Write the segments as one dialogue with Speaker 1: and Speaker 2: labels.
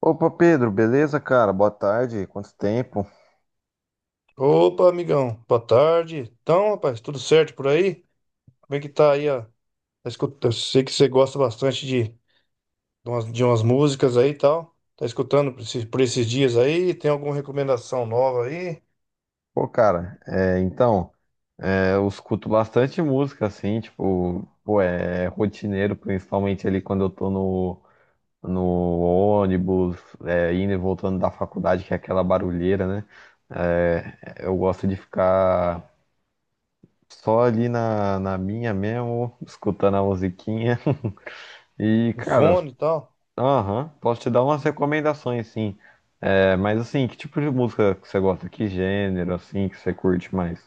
Speaker 1: Opa, Pedro, beleza, cara? Boa tarde, quanto tempo?
Speaker 2: Opa, amigão, boa tarde. Então, rapaz, tudo certo por aí? Como é que tá aí, ó? Eu sei que você gosta bastante de umas, de umas músicas aí e tal. Tá escutando por esses dias aí? Tem alguma recomendação nova aí?
Speaker 1: Pô, cara, é, então, é, eu escuto bastante música, assim, tipo, pô, é rotineiro, principalmente ali quando eu tô no, ônibus, é, indo e voltando da faculdade, que é aquela barulheira, né? É, eu gosto de ficar só ali na minha mesmo, escutando a musiquinha. E,
Speaker 2: No
Speaker 1: cara,
Speaker 2: fone e tal?
Speaker 1: aham, posso te dar umas recomendações, sim. É, mas assim, que tipo de música que você gosta? Que gênero, assim, que você curte mais?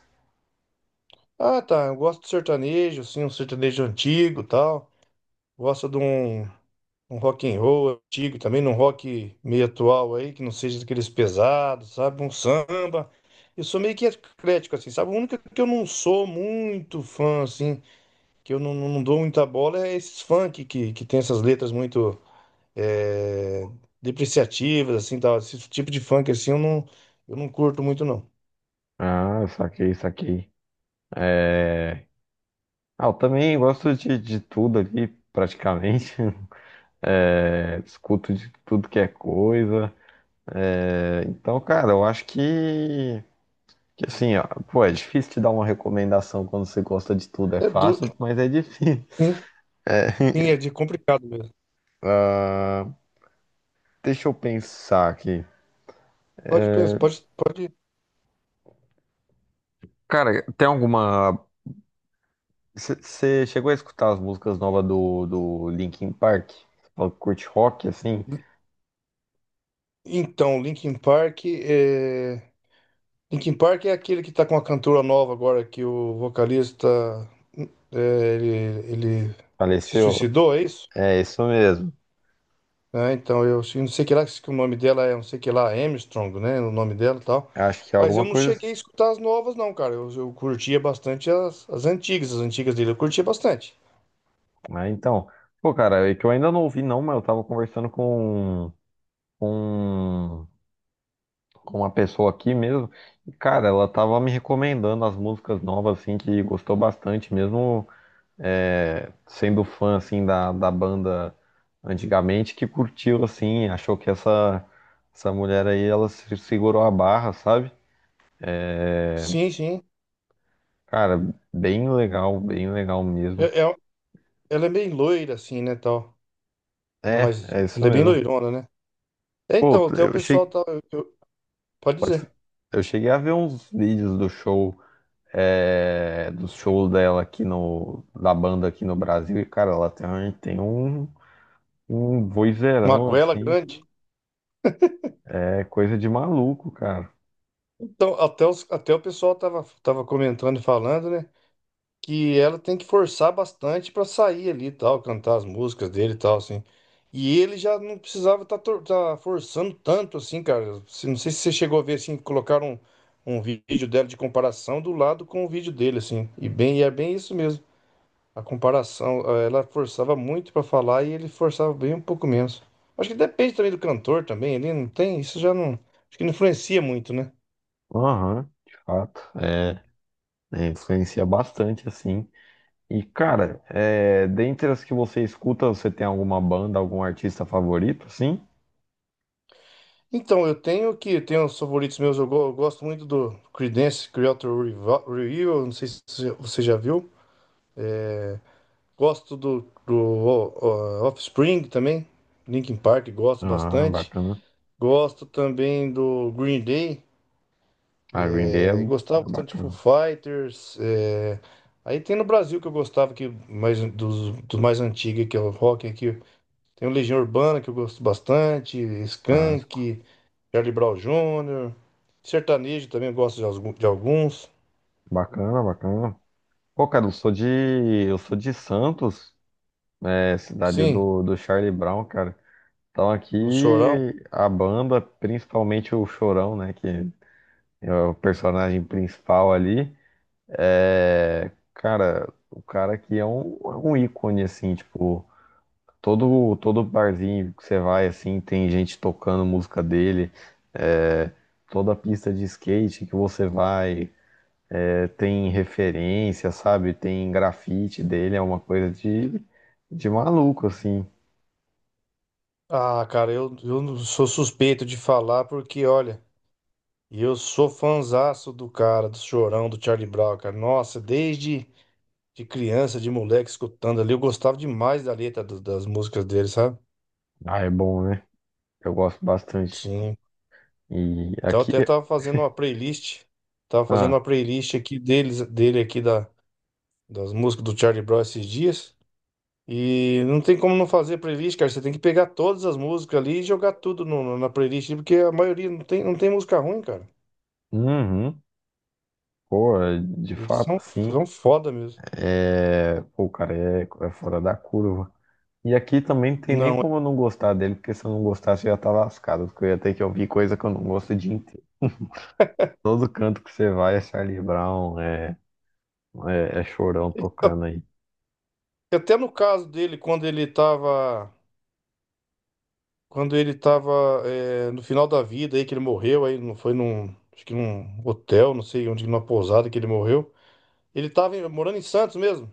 Speaker 2: Ah, tá. Eu gosto de sertanejo, assim, um sertanejo antigo e tal. Gosto de um. Um rock and roll antigo também, num rock meio atual aí, que não seja daqueles pesados, sabe? Um samba. Eu sou meio que eclético, assim, sabe? O único que eu não sou muito fã, assim, que eu não, não dou muita bola é esses funk que tem essas letras muito é, depreciativas, assim, tal. Esse tipo de funk, assim, eu não curto muito, não.
Speaker 1: Ah, saquei, saquei. Ah, eu também gosto de tudo ali, praticamente. É, escuto de tudo que é coisa. É, então, cara, eu acho que assim, ó, pô, é difícil te dar uma recomendação quando você gosta de tudo. É
Speaker 2: É duro,
Speaker 1: fácil, mas é difícil.
Speaker 2: sim, sim, é de complicado mesmo.
Speaker 1: Ah, deixa eu pensar aqui.
Speaker 2: Pode pensar, pode, pode.
Speaker 1: Cara, tem alguma você chegou a escutar as músicas novas do Linkin Park? Falou que curte rock, assim?
Speaker 2: Então, Linkin Park é. Linkin Park é aquele que tá com a cantora nova agora, que o vocalista é, ele, ele se
Speaker 1: Faleceu?
Speaker 2: suicidou, é isso?
Speaker 1: É isso mesmo.
Speaker 2: Né? Então não sei que lá que o nome dela é, não sei que lá, Armstrong, né? O nome dela e tal.
Speaker 1: Acho que é
Speaker 2: Mas
Speaker 1: alguma
Speaker 2: eu não
Speaker 1: coisa
Speaker 2: cheguei
Speaker 1: assim.
Speaker 2: a escutar as novas, não, cara. Eu curtia bastante as, as antigas dele, eu curtia bastante.
Speaker 1: Ah, então. Pô, cara, é que eu ainda não ouvi, não, mas eu tava conversando com, com uma pessoa aqui mesmo. E, cara, ela tava me recomendando as músicas novas, assim, que gostou bastante, mesmo é, sendo fã assim da, banda antigamente que curtiu assim, achou que essa mulher aí ela se segurou a barra, sabe? É,
Speaker 2: Sim, sim.
Speaker 1: cara, bem legal mesmo.
Speaker 2: É- é- ela é bem loira, assim, né, tal.
Speaker 1: É, é isso
Speaker 2: Ela é bem
Speaker 1: mesmo.
Speaker 2: loirona, né? É,
Speaker 1: Pô,
Speaker 2: então, até o pessoal tá. Pode
Speaker 1: pode-
Speaker 2: dizer.
Speaker 1: eu cheguei a ver uns vídeos do show dela aqui da banda aqui no Brasil e cara, ela tem um
Speaker 2: Uma
Speaker 1: vozeirão
Speaker 2: goela
Speaker 1: assim,
Speaker 2: grande.
Speaker 1: que é coisa de maluco, cara.
Speaker 2: Então, até, até o pessoal tava, tava comentando e falando, né? Que ela tem que forçar bastante pra sair ali e tal, cantar as músicas dele e tal, assim. E ele já não precisava tá, tá forçando tanto, assim, cara. Não sei se você chegou a ver, assim, colocaram um vídeo dela de comparação do lado com o vídeo dele, assim. E é bem isso mesmo. A comparação, ela forçava muito pra falar e ele forçava bem um pouco menos. Acho que depende também do cantor também, ele não tem, isso já não, acho que não influencia muito, né?
Speaker 1: Aham, de fato. É, influencia bastante, assim. E, cara, é, dentre as que você escuta, você tem alguma banda, algum artista favorito, sim?
Speaker 2: Então, eu tenho os favoritos meus, eu gosto muito do Creedence Clearwater Revival, Revival, não sei se você já viu. Gosto do Offspring também, Linkin Park, gosto
Speaker 1: Ah,
Speaker 2: bastante.
Speaker 1: bacana.
Speaker 2: Gosto também do Green Day,
Speaker 1: A Green Day é,
Speaker 2: é, gostava
Speaker 1: é
Speaker 2: bastante de Foo
Speaker 1: bacana.
Speaker 2: Fighters. É. Aí tem no Brasil que eu gostava, que mais, dos, dos mais antigos, que é o rock aqui. Tem o Legião Urbana, que eu gosto bastante,
Speaker 1: Clássico.
Speaker 2: Skank. Charlie Brown Jr., sertanejo também eu gosto de de alguns.
Speaker 1: Bacana, bacana. Pô, cara, eu sou de Santos, né? Cidade
Speaker 2: Sim,
Speaker 1: do, Charlie Brown, cara. Então aqui
Speaker 2: do Chorão.
Speaker 1: a banda, principalmente o Chorão, né? Que é o personagem principal ali. É, cara, o cara aqui é um ícone, assim, tipo, todo barzinho que você vai, assim, tem gente tocando música dele, é, toda pista de skate que você vai, é, tem referência, sabe? Tem grafite dele, é uma coisa de maluco, assim.
Speaker 2: Ah, cara, eu não sou suspeito de falar porque, olha, eu sou fanzaço do cara, do Chorão, do Charlie Brown, cara. Nossa, desde de criança, de moleque, escutando ali, eu gostava demais da letra das músicas dele, sabe?
Speaker 1: Ah, é bom, né? Eu gosto bastante.
Speaker 2: Sim.
Speaker 1: E
Speaker 2: Então eu
Speaker 1: aqui,
Speaker 2: até tava fazendo uma playlist, tava fazendo
Speaker 1: ah,
Speaker 2: uma playlist aqui deles, dele aqui da, das músicas do Charlie Brown esses dias. E não tem como não fazer playlist, cara. Você tem que pegar todas as músicas ali e jogar tudo na playlist, porque a maioria não tem, não tem música ruim, cara.
Speaker 1: uhum, pô, de
Speaker 2: Eles
Speaker 1: fato,
Speaker 2: são,
Speaker 1: assim,
Speaker 2: são foda mesmo.
Speaker 1: é, pô, o cara é fora da curva. E aqui também não tem nem
Speaker 2: Não,
Speaker 1: como eu não gostar dele, porque se eu não gostasse eu já tá lascado, porque eu ia ter que ouvir coisa que eu não gosto o dia inteiro. Todo canto que você vai é Charlie Brown, é Chorão
Speaker 2: a-
Speaker 1: tocando aí.
Speaker 2: até no caso dele, quando ele tava no final da vida aí, que ele morreu, aí não foi num, acho que num hotel, não sei onde, numa pousada que ele morreu. Ele tava morando em Santos mesmo.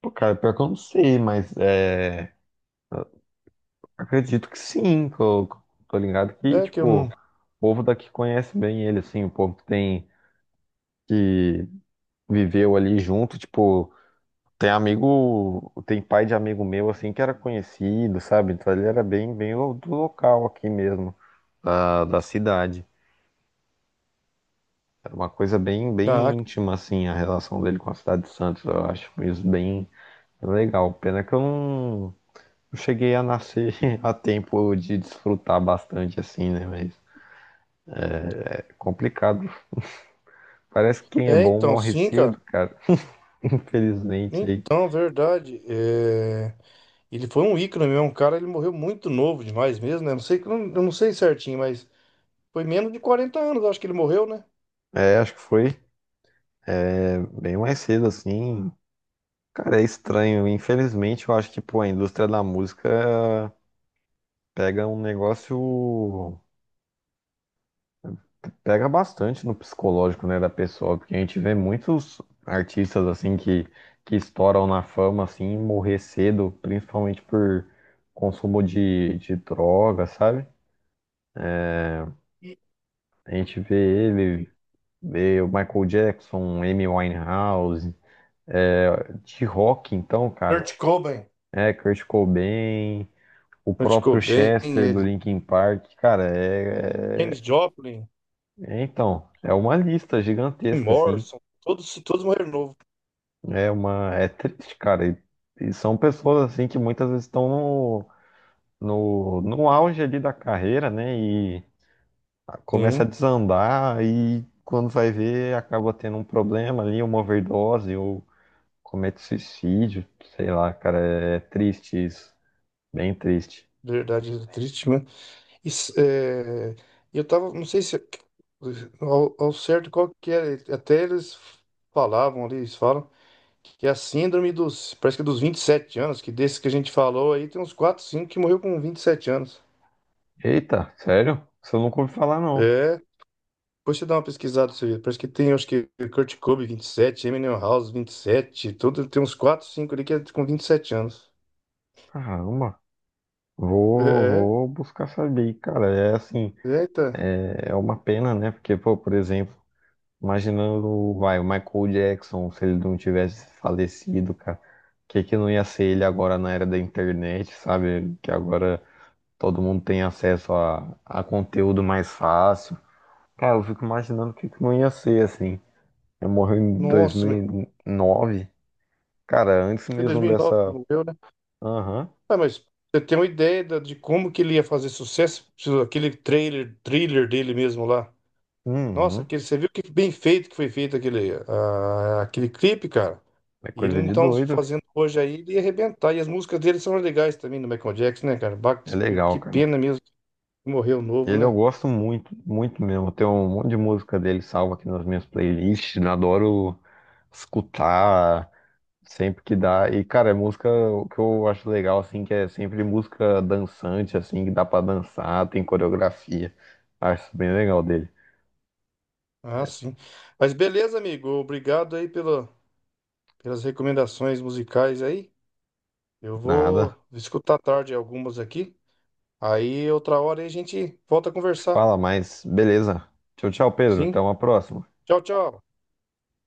Speaker 1: Pô, cara, pior que eu não sei, mas é, acredito que sim, que eu tô ligado que,
Speaker 2: É que eu
Speaker 1: tipo,
Speaker 2: não.
Speaker 1: o povo daqui conhece bem ele, assim, o povo que viveu ali junto, tipo, tem amigo, tem pai de amigo meu, assim, que era conhecido, sabe? Então ele era bem, bem do local aqui mesmo, da cidade. Era uma coisa bem, bem
Speaker 2: Ah,
Speaker 1: íntima, assim, a relação dele com a cidade de Santos. Eu acho isso bem legal. Pena que eu não cheguei a nascer a tempo de desfrutar bastante, assim, né? Mas é complicado. Parece que quem é
Speaker 2: é,
Speaker 1: bom
Speaker 2: então,
Speaker 1: morre
Speaker 2: sim, cara.
Speaker 1: cedo, cara. Infelizmente, aí.
Speaker 2: Então, verdade. É. Ele foi um ícone mesmo, um cara, ele morreu muito novo demais mesmo, né? Não sei, eu não sei certinho, mas foi menos de 40 anos, acho que ele morreu, né?
Speaker 1: É, acho que foi bem mais cedo, assim. Cara, é estranho. Infelizmente, eu acho que, pô, a indústria da música pega um negócio Pega bastante no psicológico, né, da pessoa, porque a gente vê muitos artistas assim que estouram na fama assim, e morrer cedo, principalmente por consumo de, droga, sabe? A gente vê o Michael Jackson, Amy Winehouse, é, de rock então, cara,
Speaker 2: Kurt Cobain.
Speaker 1: é Kurt Cobain, o
Speaker 2: Kurt
Speaker 1: próprio
Speaker 2: Cobain,
Speaker 1: Chester do
Speaker 2: ele,
Speaker 1: Linkin Park, cara,
Speaker 2: Janis Joplin,
Speaker 1: então, é uma lista
Speaker 2: Jim
Speaker 1: gigantesca assim.
Speaker 2: Morrison, todos, todos morreram novo.
Speaker 1: é triste, cara. E são pessoas assim que muitas vezes estão no auge ali da carreira, né? E começa a
Speaker 2: Sim,
Speaker 1: desandar e quando vai ver acaba tendo um problema ali, uma overdose ou comete suicídio, sei lá, cara. É triste isso, bem triste.
Speaker 2: verdade, é triste, né? Isso, é, eu tava, não sei se ao certo qual que era, até eles falavam ali, eles falam que é a síndrome dos, parece que é dos 27 anos, que desses que a gente falou aí, tem uns 4 5 que morreu com 27 anos.
Speaker 1: Eita, sério? Isso eu nunca ouvi falar não.
Speaker 2: É, depois você dá uma pesquisada, você vê. Parece que tem, acho que Kurt Cobain, 27 Eminem House, 27 tudo, tem uns 4 5 ali que é com 27 anos.
Speaker 1: Caramba.
Speaker 2: É,
Speaker 1: Vou,
Speaker 2: é,
Speaker 1: vou buscar saber, cara. É assim,
Speaker 2: eita,
Speaker 1: é uma pena, né? Porque, pô, por exemplo, imaginando, vai, o Michael Jackson, se ele não tivesse falecido, cara, o que que não ia ser ele agora na era da internet, sabe? Que agora todo mundo tem acesso a, conteúdo mais fácil. Cara, eu fico imaginando o que que não ia ser, assim. Eu morri em dois
Speaker 2: nossa,
Speaker 1: mil
Speaker 2: mas
Speaker 1: e nove cara, antes
Speaker 2: foi em
Speaker 1: mesmo
Speaker 2: 2009 que
Speaker 1: dessa.
Speaker 2: ele morreu, né?
Speaker 1: Aham,
Speaker 2: Ah, mas você tem uma ideia de como que ele ia fazer sucesso? Aquele trailer, thriller dele mesmo lá. Nossa,
Speaker 1: uhum,
Speaker 2: aquele, você viu que bem feito que foi feito aquele, ah, aquele clipe, cara?
Speaker 1: é
Speaker 2: E ele
Speaker 1: coisa de
Speaker 2: então
Speaker 1: doido.
Speaker 2: fazendo hoje aí, ele ia arrebentar. E as músicas dele são legais também, do Michael Jackson, né, cara? Bach,
Speaker 1: É legal,
Speaker 2: que
Speaker 1: cara.
Speaker 2: pena mesmo que morreu novo,
Speaker 1: Ele eu
Speaker 2: né?
Speaker 1: gosto muito, muito mesmo. Eu tenho um monte de música dele salva aqui nas minhas playlists. Eu adoro escutar sempre que dá. E, cara, é música o que eu acho legal, assim, que é sempre música dançante, assim, que dá pra dançar, tem coreografia. Acho isso bem legal dele.
Speaker 2: Ah, sim. Mas beleza, amigo. Obrigado aí pela, pelas recomendações musicais aí. Eu
Speaker 1: Nada.
Speaker 2: vou escutar à tarde algumas aqui. Aí outra hora aí a gente volta a conversar.
Speaker 1: Fala, mas beleza. Tchau, tchau, Pedro. Até
Speaker 2: Sim.
Speaker 1: uma próxima.
Speaker 2: Tchau, tchau.